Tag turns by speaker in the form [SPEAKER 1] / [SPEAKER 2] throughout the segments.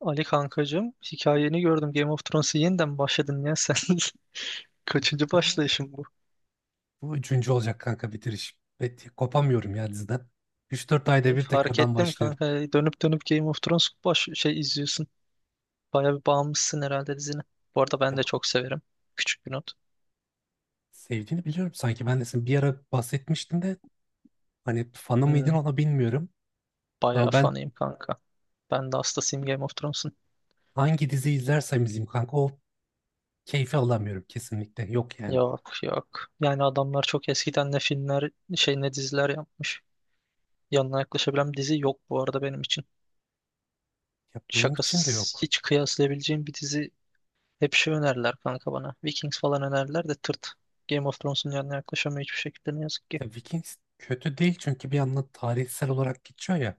[SPEAKER 1] Ali kankacığım, hikayeni gördüm. Game of Thrones'a yeniden başladın ya sen. Kaçıncı
[SPEAKER 2] Kanka.
[SPEAKER 1] başlayışın bu?
[SPEAKER 2] Bu üçüncü olacak kanka bitiriş. Bet kopamıyorum ya diziden. 3-4 ayda bir
[SPEAKER 1] Fark
[SPEAKER 2] tekrardan
[SPEAKER 1] ettim
[SPEAKER 2] başlıyorum.
[SPEAKER 1] kanka. Dönüp dönüp Game of Thrones baş şey izliyorsun. Baya bir bağımlısın herhalde dizine. Bu arada ben
[SPEAKER 2] Ya,
[SPEAKER 1] de çok severim. Küçük bir not.
[SPEAKER 2] sevdiğini biliyorum sanki. Ben de sen bir ara bahsetmiştin de hani fanı mıydın
[SPEAKER 1] Hmm,
[SPEAKER 2] ona bilmiyorum.
[SPEAKER 1] bayağı
[SPEAKER 2] Ama ben
[SPEAKER 1] fanıyım kanka. Ben de hastasıyım Game of Thrones'un.
[SPEAKER 2] hangi dizi izlersem izleyeyim kanka o keyfi alamıyorum kesinlikle. Yok yani.
[SPEAKER 1] Yok, yok. Yani adamlar çok eskiden ne filmler, ne diziler yapmış. Yanına yaklaşabilen bir dizi yok bu arada benim için.
[SPEAKER 2] Ya benim için de
[SPEAKER 1] Şakasız,
[SPEAKER 2] yok.
[SPEAKER 1] hiç kıyaslayabileceğim bir dizi. Hep önerdiler kanka bana. Vikings falan önerdiler de tırt. Game of Thrones'un yanına yaklaşamıyor hiçbir şekilde ne yazık ki.
[SPEAKER 2] Ya Vikings kötü değil çünkü bir yandan tarihsel olarak geçiyor ya.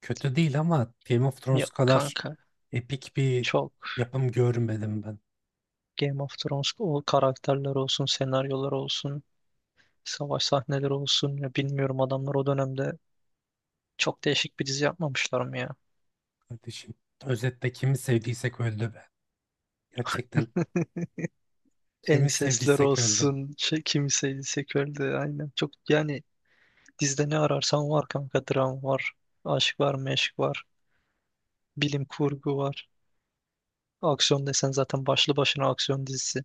[SPEAKER 2] Kötü değil ama Game of Thrones
[SPEAKER 1] Yok
[SPEAKER 2] kadar
[SPEAKER 1] kanka
[SPEAKER 2] epik bir
[SPEAKER 1] çok
[SPEAKER 2] yapım görmedim ben.
[SPEAKER 1] Game of Thrones, o karakterler olsun, senaryolar olsun, savaş sahneleri olsun. Ya bilmiyorum, adamlar o dönemde çok değişik bir dizi yapmamışlar mı ya?
[SPEAKER 2] Kardeşim, özetle kimi sevdiysek öldü be. Gerçekten kimi
[SPEAKER 1] Ensesler
[SPEAKER 2] sevdiysek öldü.
[SPEAKER 1] olsun, kimiseydi seköldü aynen. Çok yani, dizide ne ararsan var kanka. Dram var, aşk var, meşk var, bilim kurgu var. Aksiyon desen zaten başlı başına aksiyon dizisi.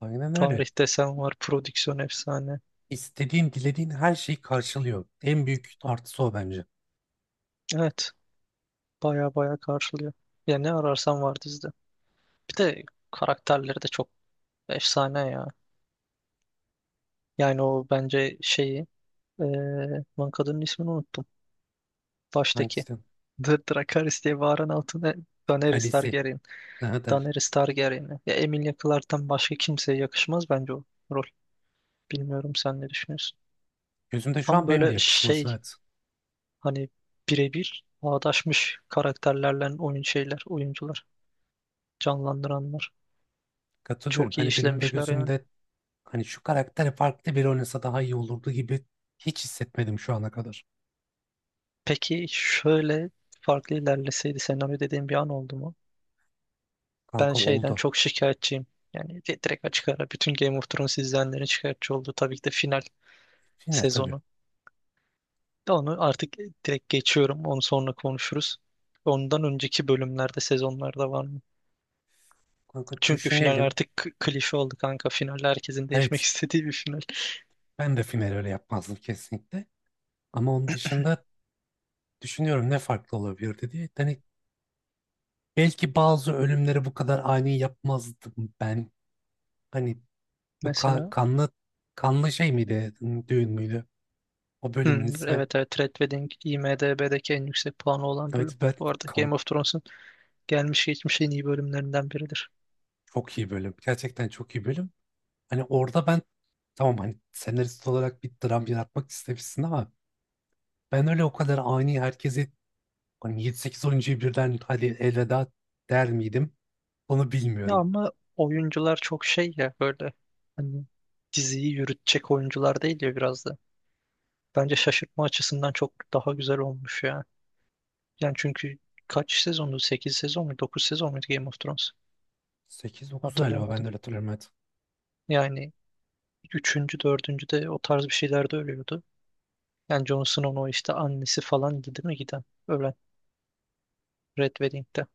[SPEAKER 2] Aynen öyle.
[SPEAKER 1] Tarih desen var, prodüksiyon efsane.
[SPEAKER 2] İstediğin, dilediğin her şeyi karşılıyor. En büyük artısı o bence.
[SPEAKER 1] Evet, baya baya karşılıyor. Ya ne ararsan var dizide. Bir de karakterleri de çok efsane ya. Yani o bence şeyi, lan kadının ismini unuttum. Baştaki.
[SPEAKER 2] Hangisi?
[SPEAKER 1] Dracarys diye bağıran, Daenerys
[SPEAKER 2] Kalesi.
[SPEAKER 1] Targaryen.
[SPEAKER 2] Ne der?
[SPEAKER 1] Daenerys Targaryen'i. Ya Emilia Clarke'tan başka kimseye yakışmaz bence o rol. Bilmiyorum, sen ne düşünüyorsun?
[SPEAKER 2] Gözümde şu
[SPEAKER 1] Tam
[SPEAKER 2] an benim de
[SPEAKER 1] böyle,
[SPEAKER 2] yakışması evet.
[SPEAKER 1] hani birebir bağdaşmış karakterlerle, oyuncular. Canlandıranlar.
[SPEAKER 2] Katılıyorum.
[SPEAKER 1] Çok iyi
[SPEAKER 2] Hani benim de
[SPEAKER 1] işlemişler yani.
[SPEAKER 2] gözümde hani şu karakteri farklı biri oynasa daha iyi olurdu gibi hiç hissetmedim şu ana kadar.
[SPEAKER 1] Peki şöyle, farklı ilerleseydi senaryo dediğim bir an oldu mu? Ben
[SPEAKER 2] Kanka
[SPEAKER 1] şeyden
[SPEAKER 2] oldu.
[SPEAKER 1] çok şikayetçiyim. Yani, direkt açık ara bütün Game of Thrones izleyenlerin şikayetçi olduğu tabii ki de final
[SPEAKER 2] Final tabii.
[SPEAKER 1] sezonu. Onu artık direkt geçiyorum. Onu sonra konuşuruz. Ondan önceki bölümlerde, sezonlarda var mı?
[SPEAKER 2] Kanka
[SPEAKER 1] Çünkü final
[SPEAKER 2] düşünelim.
[SPEAKER 1] artık klişe oldu kanka. Final, herkesin değişmek
[SPEAKER 2] Evet,
[SPEAKER 1] istediği bir final.
[SPEAKER 2] ben de final öyle yapmazdım kesinlikle. Ama onun dışında düşünüyorum ne farklı olabilir diye. Hani belki bazı ölümleri bu kadar ani yapmazdım ben. Hani bu
[SPEAKER 1] Mesela.
[SPEAKER 2] kanlı kanlı şey miydi? Düğün müydü? O
[SPEAKER 1] Hmm,
[SPEAKER 2] bölümün ismi.
[SPEAKER 1] evet, evet, Red Wedding IMDb'deki en yüksek puanı olan bölüm.
[SPEAKER 2] Evet,
[SPEAKER 1] Bu arada Game
[SPEAKER 2] kan-
[SPEAKER 1] of Thrones'un gelmiş geçmiş en iyi bölümlerinden biridir.
[SPEAKER 2] çok iyi bölüm. Gerçekten çok iyi bölüm. Hani orada ben tamam hani senarist olarak bir dram yaratmak istemişsin ama ben öyle o kadar ani herkesi hani 7-8 oyuncuyu birden hadi elveda der miydim? Onu
[SPEAKER 1] Ya
[SPEAKER 2] bilmiyorum.
[SPEAKER 1] ama oyuncular çok şey ya böyle, hani diziyi yürütecek oyuncular değil ya biraz da. Bence şaşırtma açısından çok daha güzel olmuş ya. Yani çünkü kaç sezondu? 8 sezon mu? 9 sezon muydu Game of Thrones?
[SPEAKER 2] 8-9 galiba ben de
[SPEAKER 1] Hatırlayamadım.
[SPEAKER 2] öyle hatırlıyorum. Evet.
[SPEAKER 1] Yani üçüncü, dördüncü de o tarz bir şeyler de ölüyordu. Yani Jon Snow'un o işte annesi falan değil mi giden? Ölen Red Wedding'de.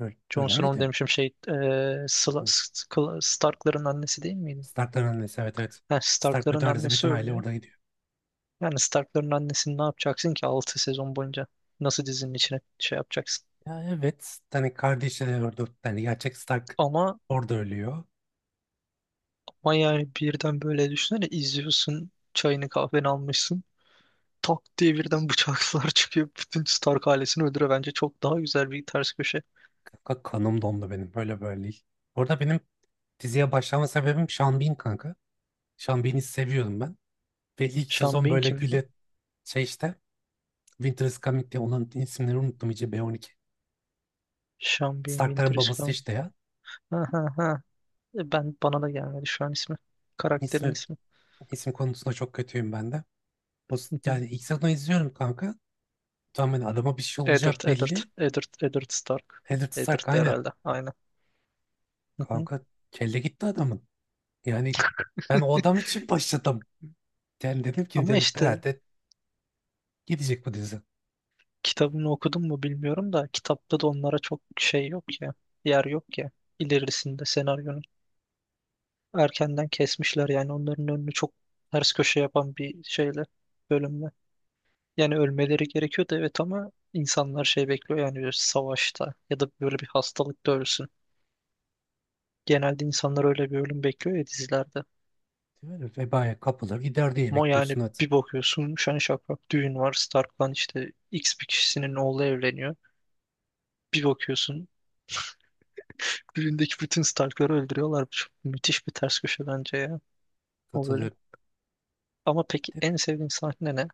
[SPEAKER 2] Böyle,
[SPEAKER 1] Jon
[SPEAKER 2] böyle
[SPEAKER 1] Snow
[SPEAKER 2] miydi?
[SPEAKER 1] demişim, Stark'ların annesi değil miydi?
[SPEAKER 2] Stark'ların annesi, evet evet.
[SPEAKER 1] Yani
[SPEAKER 2] Stark
[SPEAKER 1] Stark'ların
[SPEAKER 2] bütün ailesi
[SPEAKER 1] annesi
[SPEAKER 2] bütün aile
[SPEAKER 1] ölüyor.
[SPEAKER 2] orada gidiyor.
[SPEAKER 1] Yani Stark'ların annesini ne yapacaksın ki 6 sezon boyunca? Nasıl dizinin içine şey yapacaksın?
[SPEAKER 2] Ya evet hani kardeşi de orada yani gerçek Stark
[SPEAKER 1] Ama,
[SPEAKER 2] orada ölüyor.
[SPEAKER 1] ama yani birden böyle düşünsene, izliyorsun, çayını kahveni almışsın. Tak diye birden bıçaklar çıkıyor. Bütün Stark ailesini öldürüyor. Bence çok daha güzel bir ters köşe.
[SPEAKER 2] Kanka kanım dondu benim, böyle böyle değil. Orada benim diziye başlama sebebim Sean Bean kanka. Sean Bean'i seviyordum ben. Ve ilk
[SPEAKER 1] Sean
[SPEAKER 2] sezon
[SPEAKER 1] Bean
[SPEAKER 2] böyle
[SPEAKER 1] kim lan?
[SPEAKER 2] güle şey işte Winter is Coming diye onun isimleri unuttum iyice B12.
[SPEAKER 1] Sean Bean
[SPEAKER 2] Stark'ların
[SPEAKER 1] Winter is
[SPEAKER 2] babası
[SPEAKER 1] Coming.
[SPEAKER 2] işte ya.
[SPEAKER 1] Ha, ha, ha. Ben, bana da gelmedi şu an ismi. Karakterin
[SPEAKER 2] İsmi,
[SPEAKER 1] ismi.
[SPEAKER 2] isim konusunda çok kötüyüm ben de. O,
[SPEAKER 1] Hı hı.
[SPEAKER 2] yani ilk sezonu izliyorum kanka. Tamam hani adama bir şey olacağı
[SPEAKER 1] Eddard, Eddard,
[SPEAKER 2] belli.
[SPEAKER 1] Eddard, Eddard Stark.
[SPEAKER 2] Eddard
[SPEAKER 1] Eddard
[SPEAKER 2] Stark aynen.
[SPEAKER 1] herhalde. Aynen. Hı hı.
[SPEAKER 2] Kanka kelle gitti adamın. Yani ben o adam için başladım. Yani dedim ki
[SPEAKER 1] Ama
[SPEAKER 2] dedim,
[SPEAKER 1] işte.
[SPEAKER 2] herhalde gidecek bu dizi.
[SPEAKER 1] Kitabını okudun mu bilmiyorum da, kitapta da onlara çok şey yok ya. Yer yok ya. İlerisinde senaryonun. Erkenden kesmişler yani onların önünü, çok ters köşe yapan bir şeyle, bölümle. Yani ölmeleri gerekiyordu, evet, ama insanlar şey bekliyor yani, bir savaşta ya da böyle bir hastalıkta ölsün. Genelde insanlar öyle bir ölüm bekliyor ya dizilerde.
[SPEAKER 2] Böyle vebaya kapılır gider diye
[SPEAKER 1] Ama yani
[SPEAKER 2] bekliyorsun hadi.
[SPEAKER 1] bir bakıyorsun, şen şakrak düğün var, Stark'tan işte X bir kişisinin oğlu evleniyor. Bir bakıyorsun, düğündeki bütün Stark'ları öldürüyorlar. Çok müthiş bir ters köşe bence ya o bölüm.
[SPEAKER 2] Katılıyorum.
[SPEAKER 1] Ama peki
[SPEAKER 2] Bir de
[SPEAKER 1] en sevdiğin sahne ne?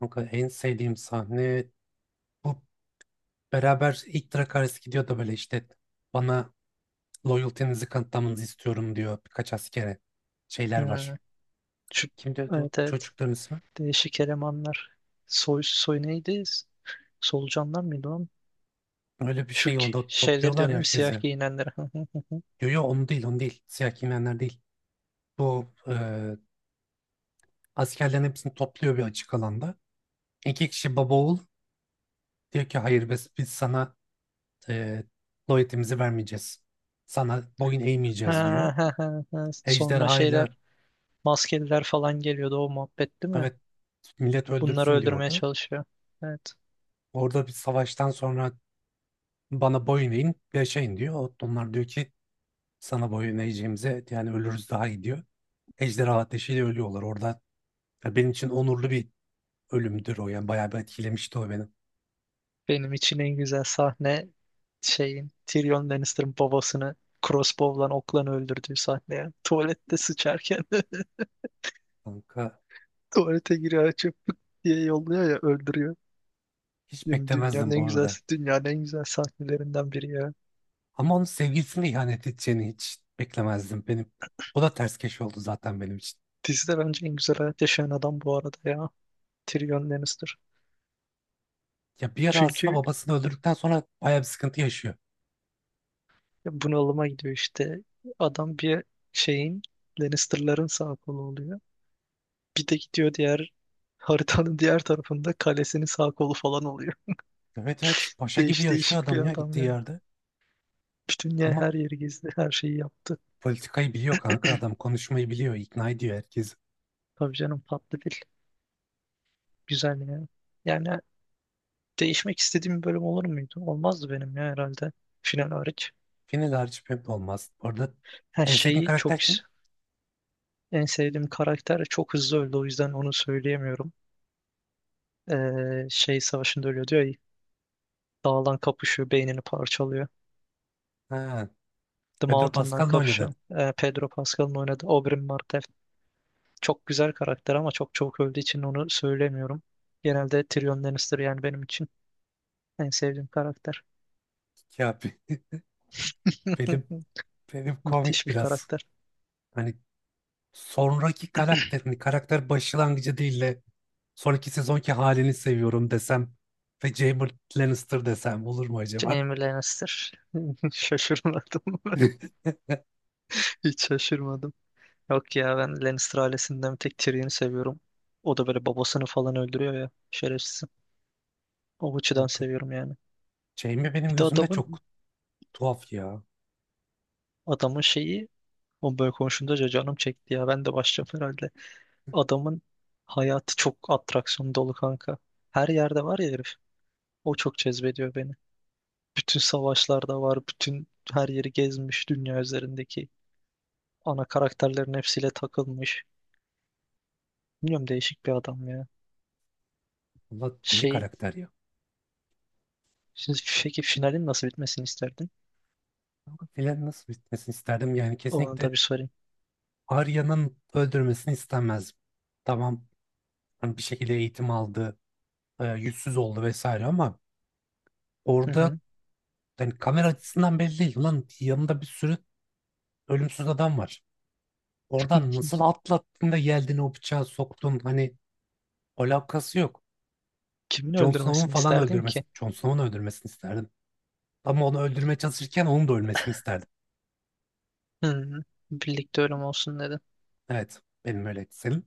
[SPEAKER 2] kanka en sevdiğim sahne bu beraber ilk Dracarys gidiyor da böyle işte bana Loyalty'nizi kanıtlamanızı istiyorum diyor birkaç askere. Şeyler var.
[SPEAKER 1] Hmm, şu,
[SPEAKER 2] Kimdi o
[SPEAKER 1] evet, evet.
[SPEAKER 2] çocukların ismi?
[SPEAKER 1] Değişik elemanlar. Soy neydi? Solucanlar mıydı lan?
[SPEAKER 2] Öyle bir şey onda
[SPEAKER 1] Şeyleri
[SPEAKER 2] topluyorlar
[SPEAKER 1] diyorum
[SPEAKER 2] ya
[SPEAKER 1] değil mi? Siyah
[SPEAKER 2] herkese.
[SPEAKER 1] giyinenler.
[SPEAKER 2] Yo yo onu değil onu değil. Siyah giyinenler değil. Bu askerlerin hepsini topluyor bir açık alanda. İki kişi baba oğul diyor ki hayır biz sana e, loyalty'mizi vermeyeceğiz. Sana boyun
[SPEAKER 1] Ha,
[SPEAKER 2] eğmeyeceğiz diyor.
[SPEAKER 1] ha, ha, ha. Sonra
[SPEAKER 2] Ejderha
[SPEAKER 1] şeyler,
[SPEAKER 2] ile,
[SPEAKER 1] maskeliler falan geliyordu o muhabbet değil mi?
[SPEAKER 2] evet, millet
[SPEAKER 1] Bunları
[SPEAKER 2] öldürsün diyor
[SPEAKER 1] öldürmeye
[SPEAKER 2] orada.
[SPEAKER 1] çalışıyor. Evet.
[SPEAKER 2] Orada bir savaştan sonra bana boyun eğin yaşayın diyor. Onlar diyor ki sana boyun eğeceğimize yani ölürüz daha iyi diyor. Ejderha ateşiyle ölüyorlar orada. Ya benim için onurlu bir ölümdür o yani bayağı bir etkilemişti o beni.
[SPEAKER 1] Benim için en güzel sahne Tyrion Lannister'ın babasını crossbow'lan, oklan öldürdüğü sahne ya. Tuvalette sıçarken,
[SPEAKER 2] Kanka
[SPEAKER 1] tuvalete giriyor, açıp diye yolluyor ya, öldürüyor.
[SPEAKER 2] hiç
[SPEAKER 1] Diyorum,
[SPEAKER 2] beklemezdim bu arada.
[SPEAKER 1] dünyanın en güzel sahnelerinden biri ya.
[SPEAKER 2] Ama onun sevgilisine ihanet edeceğini hiç beklemezdim benim. O da ters keş oldu zaten benim için.
[SPEAKER 1] Dizide bence en güzel hayat yaşayan adam bu arada ya. Tyrion Lannister.
[SPEAKER 2] Ya bir ara aslında
[SPEAKER 1] Çünkü
[SPEAKER 2] babasını öldürdükten sonra bayağı bir sıkıntı yaşıyor.
[SPEAKER 1] bunalıma gidiyor işte. Adam bir şeyin Lannister'ların sağ kolu oluyor. Bir de gidiyor diğer, haritanın diğer tarafında kalesinin sağ kolu falan oluyor.
[SPEAKER 2] Evet evet, paşa gibi yaşıyor
[SPEAKER 1] Değişik bir
[SPEAKER 2] adam ya
[SPEAKER 1] adam
[SPEAKER 2] gittiği
[SPEAKER 1] yani.
[SPEAKER 2] yerde.
[SPEAKER 1] Bütün dünya,
[SPEAKER 2] Ama
[SPEAKER 1] her yeri gezdi, her şeyi yaptı.
[SPEAKER 2] politikayı biliyor kanka, adam konuşmayı biliyor, ikna ediyor herkesi.
[SPEAKER 1] Tabii canım, tatlı dil. Güzel yani. Yani değişmek istediğim bir bölüm olur muydu? Olmazdı benim ya herhalde. Final hariç.
[SPEAKER 2] Final hariç pek de olmaz. Orada
[SPEAKER 1] Her
[SPEAKER 2] en sevdiğin
[SPEAKER 1] şeyi çok.
[SPEAKER 2] karakter kim?
[SPEAKER 1] En sevdiğim karakter çok hızlı öldü, o yüzden onu söyleyemiyorum. Savaşında ölüyor diyor ya. Dağlan kapışıyor, beynini parçalıyor.
[SPEAKER 2] Ha,
[SPEAKER 1] The
[SPEAKER 2] Pedro
[SPEAKER 1] Mountain'dan
[SPEAKER 2] Pascal'la oynadı.
[SPEAKER 1] kapışıyor. Pedro Pascal'ın oynadığı Oberyn Martell. Çok güzel karakter ama çok çok öldüğü için onu söylemiyorum. Genelde Tyrion Lannister yani benim için en sevdiğim karakter.
[SPEAKER 2] Ya benim benim
[SPEAKER 1] Müthiş
[SPEAKER 2] komik
[SPEAKER 1] bir
[SPEAKER 2] biraz.
[SPEAKER 1] karakter.
[SPEAKER 2] Hani sonraki karakterini, karakter başlangıcı değil de sonraki sezonki halini seviyorum desem ve Jaime Lannister desem olur mu acaba?
[SPEAKER 1] Jaime Lannister. Şaşırmadım. Hiç şaşırmadım. Yok ya, ben Lannister ailesinden bir tek Tyrion'u seviyorum. O da böyle babasını falan öldürüyor ya. Şerefsiz. O açıdan
[SPEAKER 2] Kanka,
[SPEAKER 1] seviyorum yani.
[SPEAKER 2] Jaime benim
[SPEAKER 1] Bir de
[SPEAKER 2] gözümde çok
[SPEAKER 1] adamın
[SPEAKER 2] tuhaf ya.
[SPEAKER 1] şeyi, o böyle konuşunca canım çekti ya. Ben de başlayacağım herhalde. Adamın hayatı çok atraksiyon dolu kanka. Her yerde var ya herif. O çok cezbediyor beni. Bütün savaşlarda var. Bütün, her yeri gezmiş. Dünya üzerindeki ana karakterlerin hepsiyle takılmış. Bilmiyorum, değişik bir adam ya.
[SPEAKER 2] Allah deli
[SPEAKER 1] Şey,
[SPEAKER 2] karakter ya.
[SPEAKER 1] şimdi peki finalin nasıl bitmesini isterdin?
[SPEAKER 2] Kanka, filan nasıl bitmesini isterdim yani
[SPEAKER 1] Onu da
[SPEAKER 2] kesinlikle
[SPEAKER 1] bir sorayım.
[SPEAKER 2] Arya'nın öldürmesini istemezdim. Tamam hani bir şekilde eğitim aldı, yüzsüz oldu vesaire ama
[SPEAKER 1] Hı
[SPEAKER 2] orada
[SPEAKER 1] hı.
[SPEAKER 2] yani kamera açısından belli değil. Ulan yanında bir sürü ölümsüz adam var. Oradan nasıl atlattın da geldin o bıçağı soktun. Hani alakası yok.
[SPEAKER 1] Kimin öldürmesini isterdin ki?
[SPEAKER 2] Jon Snow'un öldürmesini isterdim. Ama onu öldürmeye çalışırken onun da ölmesini isterdim.
[SPEAKER 1] Hı, birlikte ölüm olsun dedim.
[SPEAKER 2] Evet. Benim öyle senin.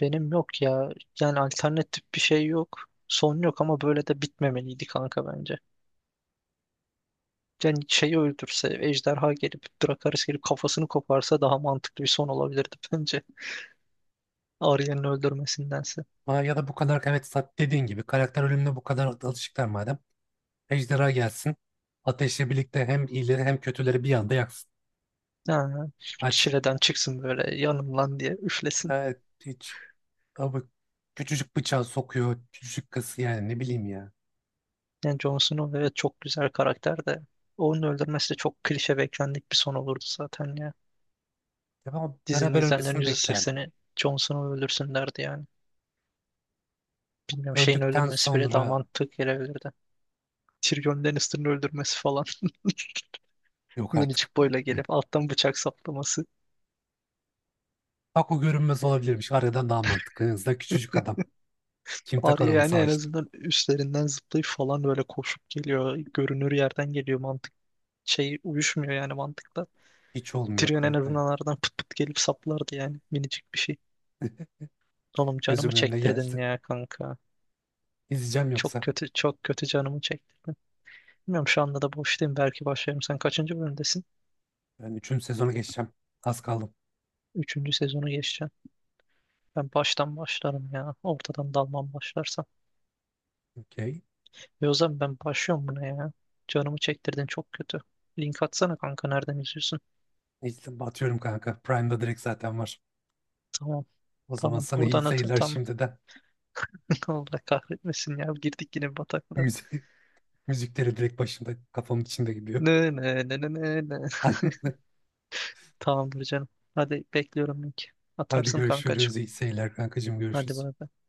[SPEAKER 1] Benim yok ya. Yani alternatif bir şey yok. Son yok, ama böyle de bitmemeliydi kanka bence. Yani şeyi öldürse, ejderha gelip, Drakaris gelip kafasını koparsa daha mantıklı bir son olabilirdi bence. Arya'nın öldürmesindense.
[SPEAKER 2] Aa, ya da bu kadar evet dediğin gibi karakter ölümüne bu kadar alışıklar madem. Ejderha gelsin. Ateşle birlikte hem iyileri hem kötüleri bir anda yaksın.
[SPEAKER 1] Ha,
[SPEAKER 2] Hadi.
[SPEAKER 1] çileden çıksın böyle, yanımlan diye üflesin.
[SPEAKER 2] Evet. Hiç. Abi küçücük bıçağı sokuyor, küçücük kası yani ne bileyim ya.
[SPEAKER 1] Yani Jon Snow, evet, çok güzel karakter de onun öldürmesi de çok klişe, beklendik bir son olurdu zaten ya.
[SPEAKER 2] Ya ben
[SPEAKER 1] Dizinin
[SPEAKER 2] beraber
[SPEAKER 1] izleyenlerin
[SPEAKER 2] ölmesini beklerdim.
[SPEAKER 1] %80'i Jon Snow öldürsün derdi yani. Bilmiyorum, şeyin
[SPEAKER 2] Öldükten
[SPEAKER 1] öldürmesi bile daha
[SPEAKER 2] sonra
[SPEAKER 1] mantıklı gelebilirdi. Tyrion Lannister'ın öldürmesi falan.
[SPEAKER 2] yok artık.
[SPEAKER 1] Minicik boyla gelip alttan bıçak saplaması.
[SPEAKER 2] Bak o görünmez olabilirmiş. Aradan daha mantıklı. En azından küçücük adam. Kim takar
[SPEAKER 1] Arya
[SPEAKER 2] onu
[SPEAKER 1] yani en
[SPEAKER 2] savaşta?
[SPEAKER 1] azından üstlerinden zıplayıp falan, böyle koşup geliyor. Görünür yerden geliyor, mantık. Şey uyuşmuyor yani mantıkla.
[SPEAKER 2] Hiç olmuyor
[SPEAKER 1] Tyrion en
[SPEAKER 2] kanka ya.
[SPEAKER 1] azından aradan pıt pıt gelip saplardı yani. Minicik bir şey. Oğlum canımı
[SPEAKER 2] Gözümün önüne
[SPEAKER 1] çektirdin
[SPEAKER 2] geldi.
[SPEAKER 1] ya kanka.
[SPEAKER 2] İzleyeceğim
[SPEAKER 1] Çok
[SPEAKER 2] yoksa.
[SPEAKER 1] kötü, çok kötü canımı çektirdin. Bilmiyorum, şu anda da boştayım. Belki başlarım. Sen kaçıncı bölümdesin?
[SPEAKER 2] Ben üçüncü sezonu geçeceğim. Az kaldım.
[SPEAKER 1] Üçüncü sezonu geçeceğim. Ben baştan başlarım ya. Ortadan dalmam başlarsam.
[SPEAKER 2] Okey.
[SPEAKER 1] E, o zaman ben başlıyorum buna ya. Canımı çektirdin çok kötü. Link atsana kanka, nereden izliyorsun?
[SPEAKER 2] İzle, batıyorum kanka. Prime'da direkt zaten var.
[SPEAKER 1] Tamam,
[SPEAKER 2] O zaman
[SPEAKER 1] tamam,
[SPEAKER 2] sana iyi
[SPEAKER 1] buradan at.
[SPEAKER 2] seyirler
[SPEAKER 1] Tamam.
[SPEAKER 2] şimdiden.
[SPEAKER 1] Allah kahretmesin ya. Girdik yine bataklığa.
[SPEAKER 2] Müzik, müzikleri direkt başımda kafamın içinde gidiyor.
[SPEAKER 1] Ne, ne, ne, ne, ne, ne.
[SPEAKER 2] Aynen.
[SPEAKER 1] Tamamdır canım. Hadi, bekliyorum linki.
[SPEAKER 2] Hadi
[SPEAKER 1] Atarsın kankacığım.
[SPEAKER 2] görüşürüz. İyi seyirler kankacığım.
[SPEAKER 1] Hadi
[SPEAKER 2] Görüşürüz.
[SPEAKER 1] bay bay.